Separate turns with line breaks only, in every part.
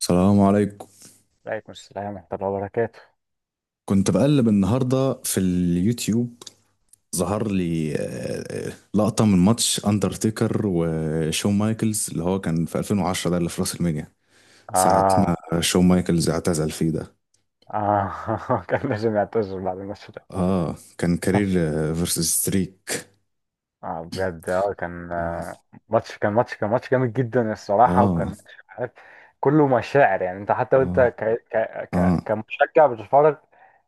السلام عليكم.
عليكم السلام ورحمة الله وبركاته.
كنت بقلب النهاردة في اليوتيوب، ظهر لي لقطة من ماتش أندرتيكر وشون مايكلز اللي هو كان في 2010، ده اللي في راس المينيا ساعة
آه،
ما شون مايكلز اعتزل فيه ده.
آه، كان لازم يعتذر بعد الماتش ده.
اه كان كارير فيرسز ستريك.
آه بجد، آه كان،
اه
ماتش جامد جدا الصراحة، وكان
اه
ماتش عارف كله مشاعر. يعني أنت حتى وأنت
اه
ك...
اه
كمشجع بتتفرج.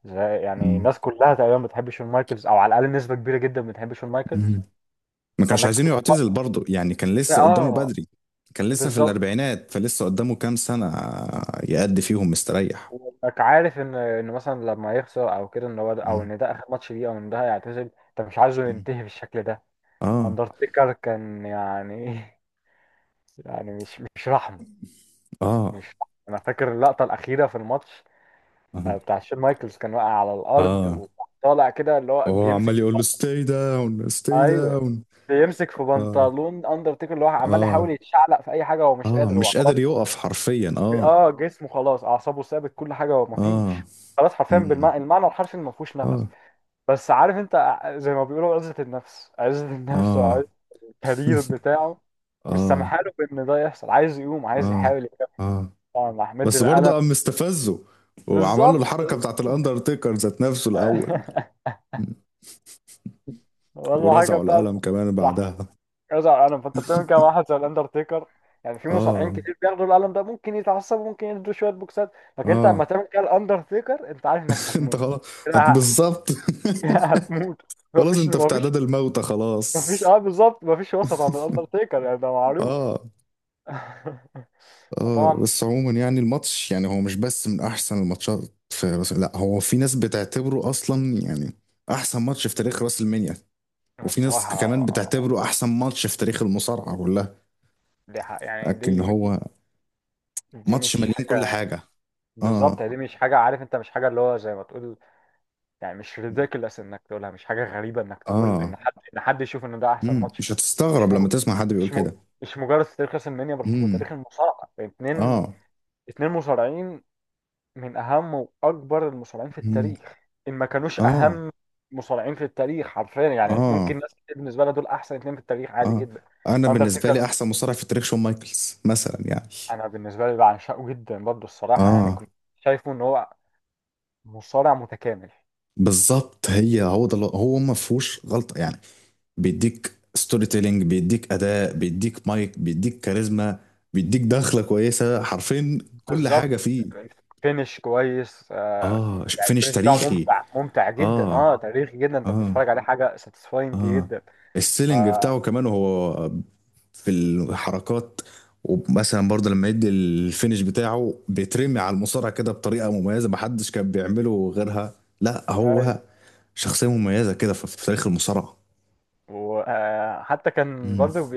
يعني
مم.
الناس كلها تقريبا بتحب شون مايكلز، أو على الأقل نسبة كبيرة جدا بتحب شون مايكلز.
مم. ما كانش
فإنك
عايزينه يعتزل
تتفرج-
برضه، يعني كان لسه قدامه
آه
بدري، كان لسه في
بالظبط.
الأربعينات فلسه قدامه كام سنة يأدي فيهم مستريح.
وانك عارف ان مثلا لما يخسر او كده، ان هو ده، او
مم.
ان ده اخر ماتش ليه، او ان ده هيعتزل، انت مش عايزه
مم.
ينتهي بالشكل ده.
اه
اندرتيكر كان يعني يعني مش رحمه.
اه
مش رحمة. انا فاكر اللقطه الاخيره في الماتش،
اه
بتاع شون مايكلز كان واقع على
اه
الارض وطالع كده اللي هو
وهو
بيمسك
عمال
في.
يقول له ستاي داون ستاي
ايوه،
داون.
بيمسك في
اه
بنطلون اندرتيكر، اللي هو عمال
اه
يحاول يتشعلق في اي حاجه، هو مش
اه
قادر، هو
مش
خلاص.
قادر يقف حرفيا
اه جسمه خلاص، اعصابه ثابت، كل حاجه، هو
اه
مفيش. خلاص حرفيا،
مم.
بالمعنى الحرفي ما فيهوش نفس.
اه
بس عارف انت زي ما بيقولوا، عزة النفس، عزة النفس،
اه
وعزة الكارير بتاعه مش
اه
سامحاله بان ده يحصل. عايز يقوم، عايز
اه
يحاول يكمل.
اه
طبعا راح مد
بس برضه
القلم.
قام مستفزه وعمل له
بالظبط.
الحركة بتاعت الاندرتيكر ذات نفسه الاول. مم.
والله حاجه
ورزعه
بتاعت
القلم كمان
راح
بعدها.
يرجع القلم. فانت بتعمل كده مع واحد زي الاندرتيكر؟ يعني في مصارعين
اه
كتير بياخدوا القلم ده، ممكن يتعصبوا، ممكن يدوا شويه بوكسات، لكن انت لما
اه
تعمل كده الاندرتيكر، انت عارف انك
انت
هتموت.
خلاص،
كده ه-
بالظبط.
هتموت.
خلاص
مفيش
انت في
مفيش
تعداد الموتى خلاص.
مفيش، اه بالظبط، مفيش وسط عند الاندرتيكر، يعني ده معروف.
اه اه
طبعا.
بس عموما يعني الماتش، يعني هو مش بس من احسن الماتشات في لا، هو في ناس بتعتبره اصلا يعني احسن ماتش في تاريخ راس المنيا، وفي ناس
الصراحة
كمان
آه،
بتعتبره احسن ماتش في تاريخ المصارعة كلها.
دي حق يعني،
لكن
دي دي
هو
دي
ماتش
مش
مليان كل
حاجة.
حاجة.
بالظبط،
اه
يعني دي مش حاجة، عارف انت، مش حاجة اللي هو زي ما تقول، يعني مش ريديكولس انك تقولها، مش حاجة غريبة انك تقول
اه
ان حد، ان حد يشوف ان ده احسن ماتش.
مش
مش
هتستغرب
مج...
لما تسمع حد بيقول
مش م...
كده.
مش مجرد في تاريخ راس المنيا، بل في
امم
تاريخ المصارعة. اتنين،
اه
اتنين مصارعين من اهم واكبر المصارعين في
امم
التاريخ. ان ما كانوش
اه
اهم مصارعين في التاريخ حرفيا، يعني
اه
ممكن ناس كتير بالنسبه لها دول احسن اتنين في التاريخ عادي
اه
جدا.
انا بالنسبة لي
اندرتيكر
احسن مصارع في التاريخ شون مايكلز مثلا يعني.
انا بالنسبه لي بعشقه جدا برضه الصراحه. يعني
اه
كنت شايفه ان هو مصارع متكامل.
بالظبط، هو ده هو ما فيهوش غلطه يعني. بيديك ستوري تيلينج، بيديك اداء، بيديك مايك، بيديك كاريزما، بيديك دخله كويسه حرفيا، كل
بالظبط،
حاجه فيه.
فينش كويس، آه. يعني
فينش
الفينش بتاعه
تاريخي.
ممتع، ممتع جدا،
اه
اه تاريخي جدا، انت
اه
بتتفرج عليه حاجه ساتيسفاينج
اه
جدا. ف
السيلينج بتاعه كمان وهو في الحركات. ومثلا برضه لما يدي الفينش بتاعه بيترمي على المصارعه كده بطريقه مميزه محدش كان بيعمله غيرها. لا،
أيوة.
هو شخصيه مميزه كده في في تاريخ المصارعه.
وحتى كان برضه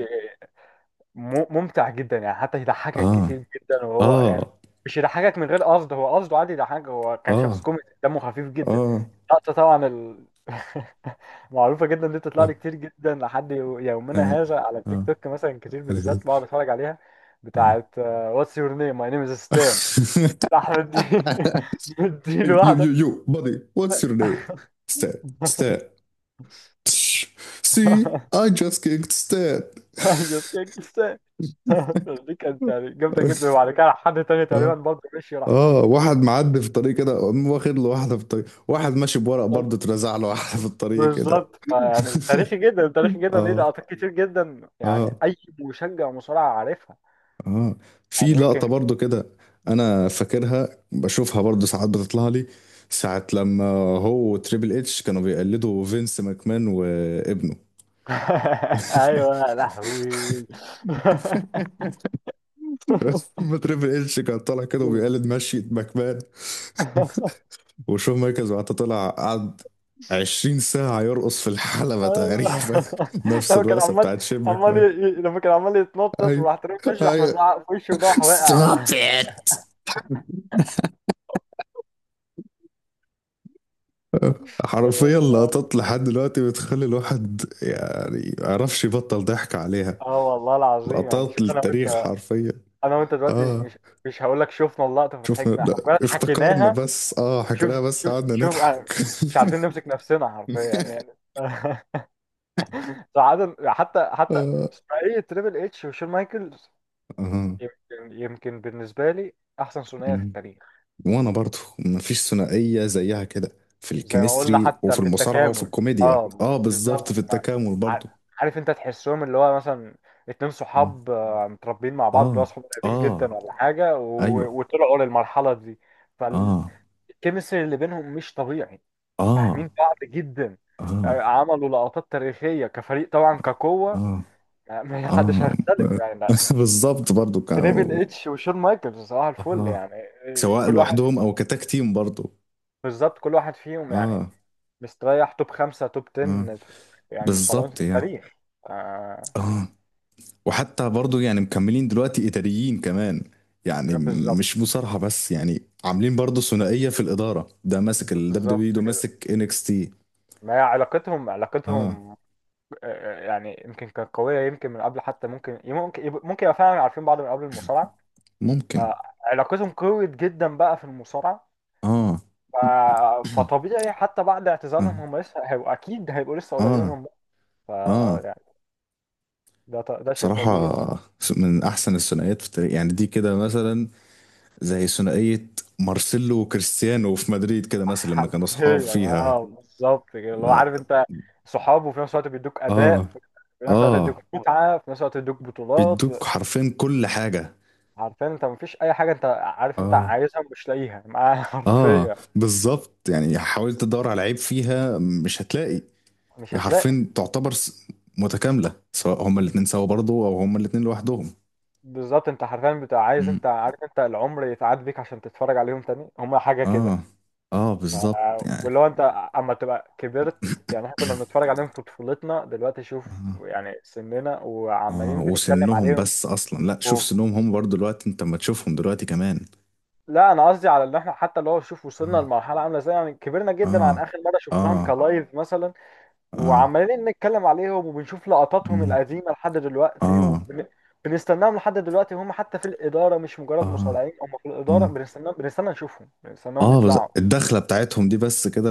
ممتع جدا، يعني حتى يضحكك
اه
كتير جدا. وهو يعني
اه
مش يضحكك من غير قصد، هو قصده عادي يضحكك، هو كان
اه
شخص كوميدي دمه خفيف جدا.
اه
اللقطة طبعا معروفة جدا، دي
اه
بتطلع لي كتير جدا لحد يومنا
اه
هذا، على التيك
اه
توك مثلا كتير
هذه.
بالذات بقعد اتفرج عليها.
اه
بتاعت آه، What's your name? My name is Stan. أحمد دي،
You,
مديله واحدة.
you, you, buddy, what's your name? Stan. Stan. See, I just kicked Stan.
I'm just kidding Stan. دي كانت يعني جامدة جدا، وبعد كده حد تاني تقريبا
اه
برضه مشي راح.
اه واحد معدي في الطريق كده قام واخد له واحدة في الطريق، واحد ماشي بورق برضه اترزع له واحدة في الطريق كده.
بالظبط، يعني تاريخي جدا، تاريخي جدا. ليه
اه
لقطات كتير جدا، يعني
اه
اي مشجع مصارعة عارفها.
اه في
يعني
لقطة
يمكن.
برضو كده انا فاكرها، بشوفها برضو ساعات بتطلع لي، ساعة لما هو وتريبل اتش كانوا بيقلدوا فينس ماكمان وابنه.
ايوه يا لهوي.
بس ما تريبل اتش كان طالع كده وبيقلد مشية ماكمان، وشون مايكلز بعد طلع قعد 20 ساعة يرقص في الحلبة
ايوه،
تقريبا. نفس
لما كان
الرقصة
عمال،
بتاعت شين
عمال ي...
ماكمان.
لما كان عمال يتنطط،
ايوه،
وراح ترمي اشرح
ايوه،
مزعق في وشه وراح واقع.
ستوب ات. حرفيا لقطات لحد دلوقتي بتخلي الواحد يعني ما يعرفش يبطل ضحك عليها.
اه والله العظيم، يعني
لقطات
شوف انا وانت،
للتاريخ حرفيا.
انا وانت دلوقتي
اه
مش هقول لك شفنا اللقطه
شفنا،
فضحكنا، احنا
لا
كنا
افتكرنا
حكيناها.
بس،
شوف،
حكيناها بس
شوف،
قعدنا
شوف،
نضحك.
آه، مش عارفين نمسك نفسنا حرفيا يعني. ساعات حتى، حتى
اه
ثنائية تريبل اتش وشون مايكلز،
اه
يمكن، يمكن بالنسبة لي أحسن ثنائية في
أمم.
التاريخ.
وانا برضو مفيش ثنائية زيها كده، في
زي ما قلنا،
الكيمستري وفي
حتى في
المصارعة وفي
التكامل،
الكوميديا.
اه
اه بالظبط،
بالظبط
في التكامل
ع-
برضو.
عارف انت، تحسهم اللي هو مثلا اتنين
أمم.
صحاب، آه، متربيين مع بعض، اللي هو
اه
صحاب قريبين
اه
جدا ولا حاجة،
ايوه.
وطلعوا للمرحلة دي.
اه
فالكيمستري اللي بينهم مش طبيعي،
اه
فاهمين بعض جدا.
اه
آه، عملوا لقطات تاريخية كفريق، طبعا كقوة،
اه
آه، ما حدش
اه
هيختلف يعني، لا.
بالظبط برضو
تريبل اتش وشون مايكلز صباح الفل
اه
يعني، آه،
سواء
كل واحد.
لوحدهم او كتاك تيم برضو.
بالظبط كل واحد فيهم يعني
اه
مستريح توب خمسة، توب
اه
10 يعني مصارعين
بالظبط
في
يعني.
التاريخ. آه،
اه وحتى برضو يعني مكملين دلوقتي اداريين كمان، يعني
بالظبط.
مش مصارحة بس يعني عاملين برضو ثنائية في الإدارة، ده ماسك ال
بالظبط
WWE، ده
كده.
ماسك NXT.
ما هي علاقتهم،
اه
علاقتهم آه، آه، يعني يمكن كانت قوية يمكن من قبل حتى، ممكن يبقى فعلا عارفين بعض من قبل المصارعة.
ممكن.
آه، علاقتهم قوية جدا بقى في المصارعة.
اه
ف... فطبيعي حتى بعد اعتزالهم،
اه
هم لسه هيبقوا، اكيد هيبقوا لسه قريبين
اه
من بعض. ف
اه
يعني ده شيء
بصراحة
طبيعي.
من أحسن الثنائيات في التاريخ يعني، دي كده مثلا زي ثنائية مارسيلو وكريستيانو في مدريد كده مثلا لما كانوا أصحاب
حرفيا
فيها.
اه بالظبط كده، اللي هو
لا.
عارف انت صحاب، وفي نفس الوقت بيدوك اداء
اه
في، في نفس الوقت بيدوك
آه،
متعه، في نفس الوقت بيدوك بطولات.
بيدوك حرفيا كل حاجة.
عارفين انت، مفيش اي حاجه انت عارف انت
اه
عايزها مش لاقيها معاه.
آه
حرفيا
بالظبط يعني، حاولت تدور على عيب فيها مش هتلاقي.
مش
هي
هتلاقي.
حرفيا تعتبر متكاملة، سواء هما الاتنين سوا برضه أو هما الاتنين لوحدهم.
بالظبط، انت حرفيا بتبقى عايز،
مم.
انت عارف انت العمر يتعاد بيك عشان تتفرج عليهم تاني. هم حاجه كده.
آه. آه
ف-
بالظبط يعني.
واللي هو انت اما تبقى كبرت، يعني احنا كنا بنتفرج عليهم في طفولتنا، دلوقتي شوف
آه.
يعني سننا
آه
وعمالين بنتكلم
وسنهم
عليهم.
بس أصلا، لا شوف
اوف.
سنهم هم برضه دلوقتي، أنت ما تشوفهم دلوقتي كمان.
لا انا قصدي على ان احنا حتى اللي هو، شوف وصلنا
آه
لمرحله عامله ازاي، يعني كبرنا جدا عن
آه
اخر مره شفناهم
آه
كلايف مثلا،
اه
وعمالين نتكلم عليهم وبنشوف لقطاتهم
مم.
القديمه لحد دلوقتي
اه
وبنستناهم لحد دلوقتي، هم حتى في الاداره مش مجرد
اه
مصارعين، هم في الاداره
اه
بنستناهم، بنستنى نشوفهم، بنستناهم
اه بس
يطلعوا.
الدخلة بتاعتهم دي بس كده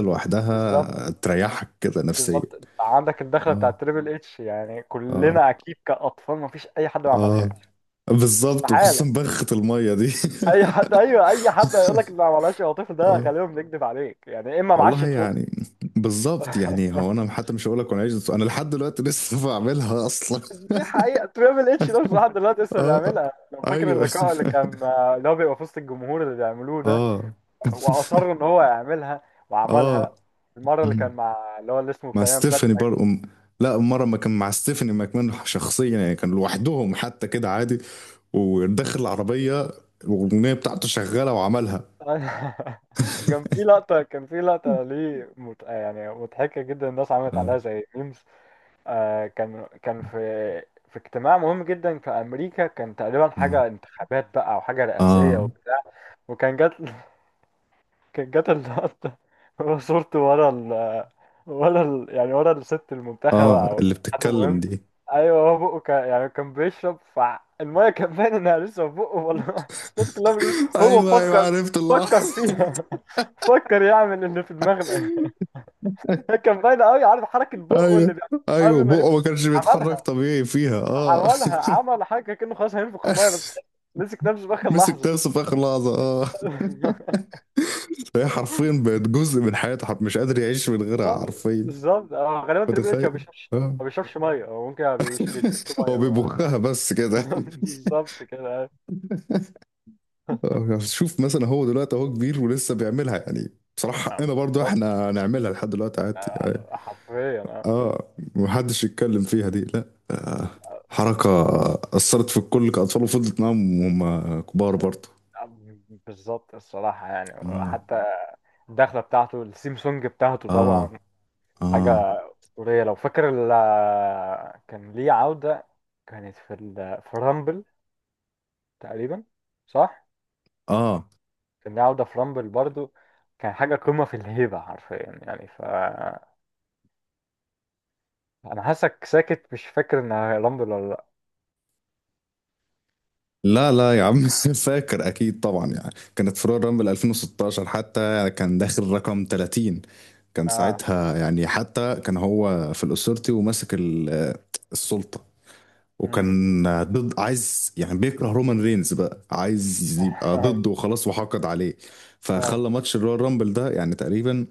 بالظبط.
لوحدها تريحك كده نفسيا.
بالظبط عندك الدخله
اه
بتاعت تريبل اتش، يعني
اه
كلنا اكيد كاطفال ما فيش اي حد ما
اه
عملهاش.
بالظبط، وخصوصا
استحاله،
بخة المية دي.
اي حد، ايوه اي حد هيقول لك ما عملهاش يا طفل ده
اه
غالبا بيكذب عليك يعني، اما معاش
والله
طفل.
يعني. بالظبط يعني، هو انا حتى مش هقول لك، وانا عايش انا لحد دلوقتي لسه بعملها اصلا.
دي حقيقه، تريبل اتش ده مش لحد دلوقتي لسه
اه
بيعملها؟ لو فاكر
ايوه.
اللقاء اللي كان، اللي هو بيبقى في وسط الجمهور اللي بيعملوه ده،
اه
واصر ان هو يعملها وعملها.
اه
المره اللي كان مع اللي هو اللي اسمه
مع
بتاع ايام بات.
ستيفاني برضه لا، مرة ما كان مع ستيفاني ماكمان شخصيا يعني، كان لوحدهم حتى كده عادي، وداخل العربية والأغنية بتاعته شغالة وعملها.
كان في لقطة، كان في لقطة ليه مت... آه، يعني مضحكة جدا، الناس عملت
اه
عليها زي ميمز. آه كان، في اجتماع مهم جدا في أمريكا، كان تقريبا
اه
حاجة انتخابات بقى أو حاجة رئاسية
اه
وبتاع، وكان جات كانت جت اللقطة، هو صورته ورا ال، ورا ال، يعني ورا الست المنتخبة
اه
أو
اللي
حد
بتتكلم
مهم.
دي.
أيوه هو بقه كان يعني كان بيشرب فالمية، كان باين إنها لسه في بقه والله. الناس كلها بتقول هو
ايوه، ايوه،
فكر،
عرفت الله.
فكر فيها. فكر يعمل اللي في دماغنا. كان باين أوي، عارف حركة بقه اللي
ايوه،
بيعملها
ايوه،
قبل ما ينفخ.
بقه ما كانش بيتحرك
عملها،
طبيعي فيها. اه
عملها، عمل حركة كأنه خلاص هينفخ المية، بس مسك نفسه في آخر
مسك
لحظة.
نفسه في اخر لحظه. اه فهي حرفيا بقت جزء من حياته، مش قادر يعيش من غيرها
بالظبط،
حرفيا.
بالظبط. هو غالبا تريبل اتش ما
متخيل.
بيشربش،
اه
ما بيشربش ميه، هو ممكن ما بيش- بيتركه
هو
ميه
بيبخها بس كده.
بالظبط كده.
آه، شوف مثلا هو دلوقتي اهو كبير ولسه بيعملها يعني. بصراحة
آه،
حقنا برضو
بالظبط.
احنا نعملها لحد دلوقتي عادي
آه،
يعني.
حرفيا. آه.
اه محدش يتكلم فيها دي لا، حركة أثرت في الكل كأطفال وفضلت معاهم وهم كبار برضو.
آه، بالظبط الصراحه يعني.
اه
حتى الدخله بتاعته، السيم سونج بتاعته
اه
طبعا، حاجه
اه
اسطوريه. لو فاكر كان ليه عوده، كانت في في رامبل تقريبا، صح؟
اه
كان ليه عوده في رامبل برضو، كان حاجه قمه في الهيبه حرفيا يعني. انا حاسك ساكت، مش فاكر ان رامبل ولا لا.
لا لا يا عم. فاكر اكيد طبعا يعني، كانت فروع رامبل 2016، حتى كان داخل رقم 30. كان
اه.
ساعتها يعني، حتى كان هو في الأسورتي وماسك السلطة،
امم.
وكان ضد، عايز يعني بيكره رومان رينز بقى، عايز يبقى ضده وخلاص، وحقد عليه.
أيوة.
فخلى ماتش الرويال رامبل ده يعني تقريبا.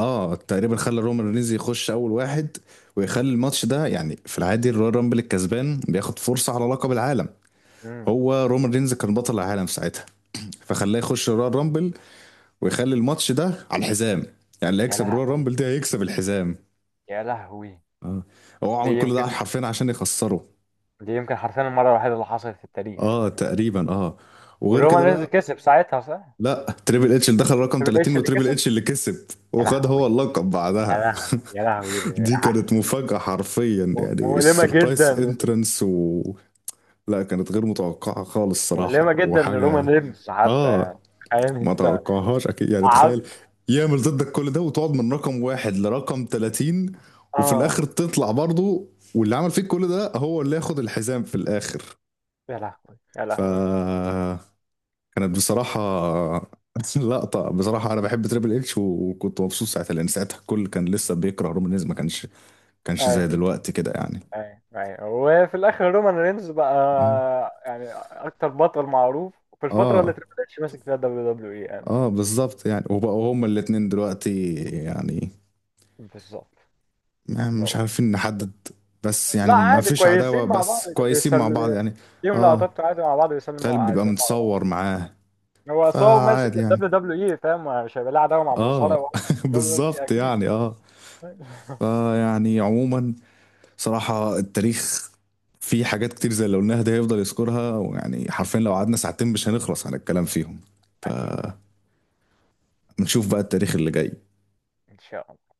اه تقريبا خلى رومان رينز يخش اول واحد، ويخلي الماتش ده يعني في العادي، الرويال رامبل الكسبان بياخد فرصة على لقب العالم.
امم.
هو رومان رينز كان بطل العالم ساعتها، فخلاه يخش الرويال رامبل ويخلي الماتش ده على الحزام، يعني اللي
يا
هيكسب الرويال
لهوي،
رامبل ده هيكسب الحزام.
يا لهوي.
اه هو
دي
عمل كل ده
يمكن،
حرفيا عشان يخسره.
دي يمكن حرفيا المره الوحيده اللي حصلت في التاريخ
اه
يعني.
تقريبا، وغير كده
والرومان رينز
بقى.
كسب ساعتها، صح؟
لا، تريبل اتش اللي دخل رقم
تريبل
30
اتش اللي
وتريبل
كسب.
اتش اللي كسب،
يا
وخد هو
لهوي،
اللقب
يا
بعدها.
لهوي، يا لهوي،
دي كانت مفاجأة حرفيا يعني،
مؤلمه
السربرايز
جدا،
انترنس. و لا، كانت غير متوقعة خالص صراحة،
مؤلمه جدا لرومان
وحاجة.
رينز حتى.
اه
يعني تخيل
ما
انت،
توقعهاش اكيد يعني، تخيل
قعدت.
يعمل ضدك كل ده وتقعد من رقم واحد لرقم 30، وفي الاخر
اه.
تطلع برضه، واللي عمل فيك كل ده هو اللي ياخد الحزام في الاخر.
يا لهوي، يا لهوي.
فكانت بصراحة لقطة. بصراحة أنا بحب تريبل اتش، وكنت مبسوط ساعتها لأن ساعتها الكل كان لسه بيكره رومان رينز، ما كانش كانش زي
ايوه،
دلوقتي كده يعني.
ايوه، ايوه. وفي الاخر رومان رينز بقى
اه
يعني اكتر بطل معروف في الفتره اللي
اه
تريبل اتش ماسك فيها دبليو دبليو اي
اه
يعني.
بالظبط يعني، وبقوا هما الاتنين دلوقتي يعني
بالظبط.
مش
بقى.
عارفين نحدد. بس يعني
لا
ما
عادي،
فيش عداوة
كويسين مع بعض،
بس،
كانوا
كويسين مع بعض
بيسلموا.
يعني.
ليهم
اه
لقطات عادي مع بعض، بيسلموا
تالب
على،
بيبقى
بيسلموا على
متصور
بعض.
معاه،
هو أصل هو ماسك
فعادي يعني.
الدبليو دبليو اي، فاهم مش هيبقى له عداوه مع مصارع
اه
وهو ماسك الدبليو دبليو اي،
بالظبط
اكيد.
يعني. اه فيعني عموما، صراحة التاريخ فيه حاجات كتير زي اللي قلناها، ده هيفضل يذكرها، ويعني حرفيا لو قعدنا ساعتين مش هنخلص على الكلام فيهم.
اكيد طبعا.
فنشوف بقى التاريخ اللي جاي.
ان شاء الله.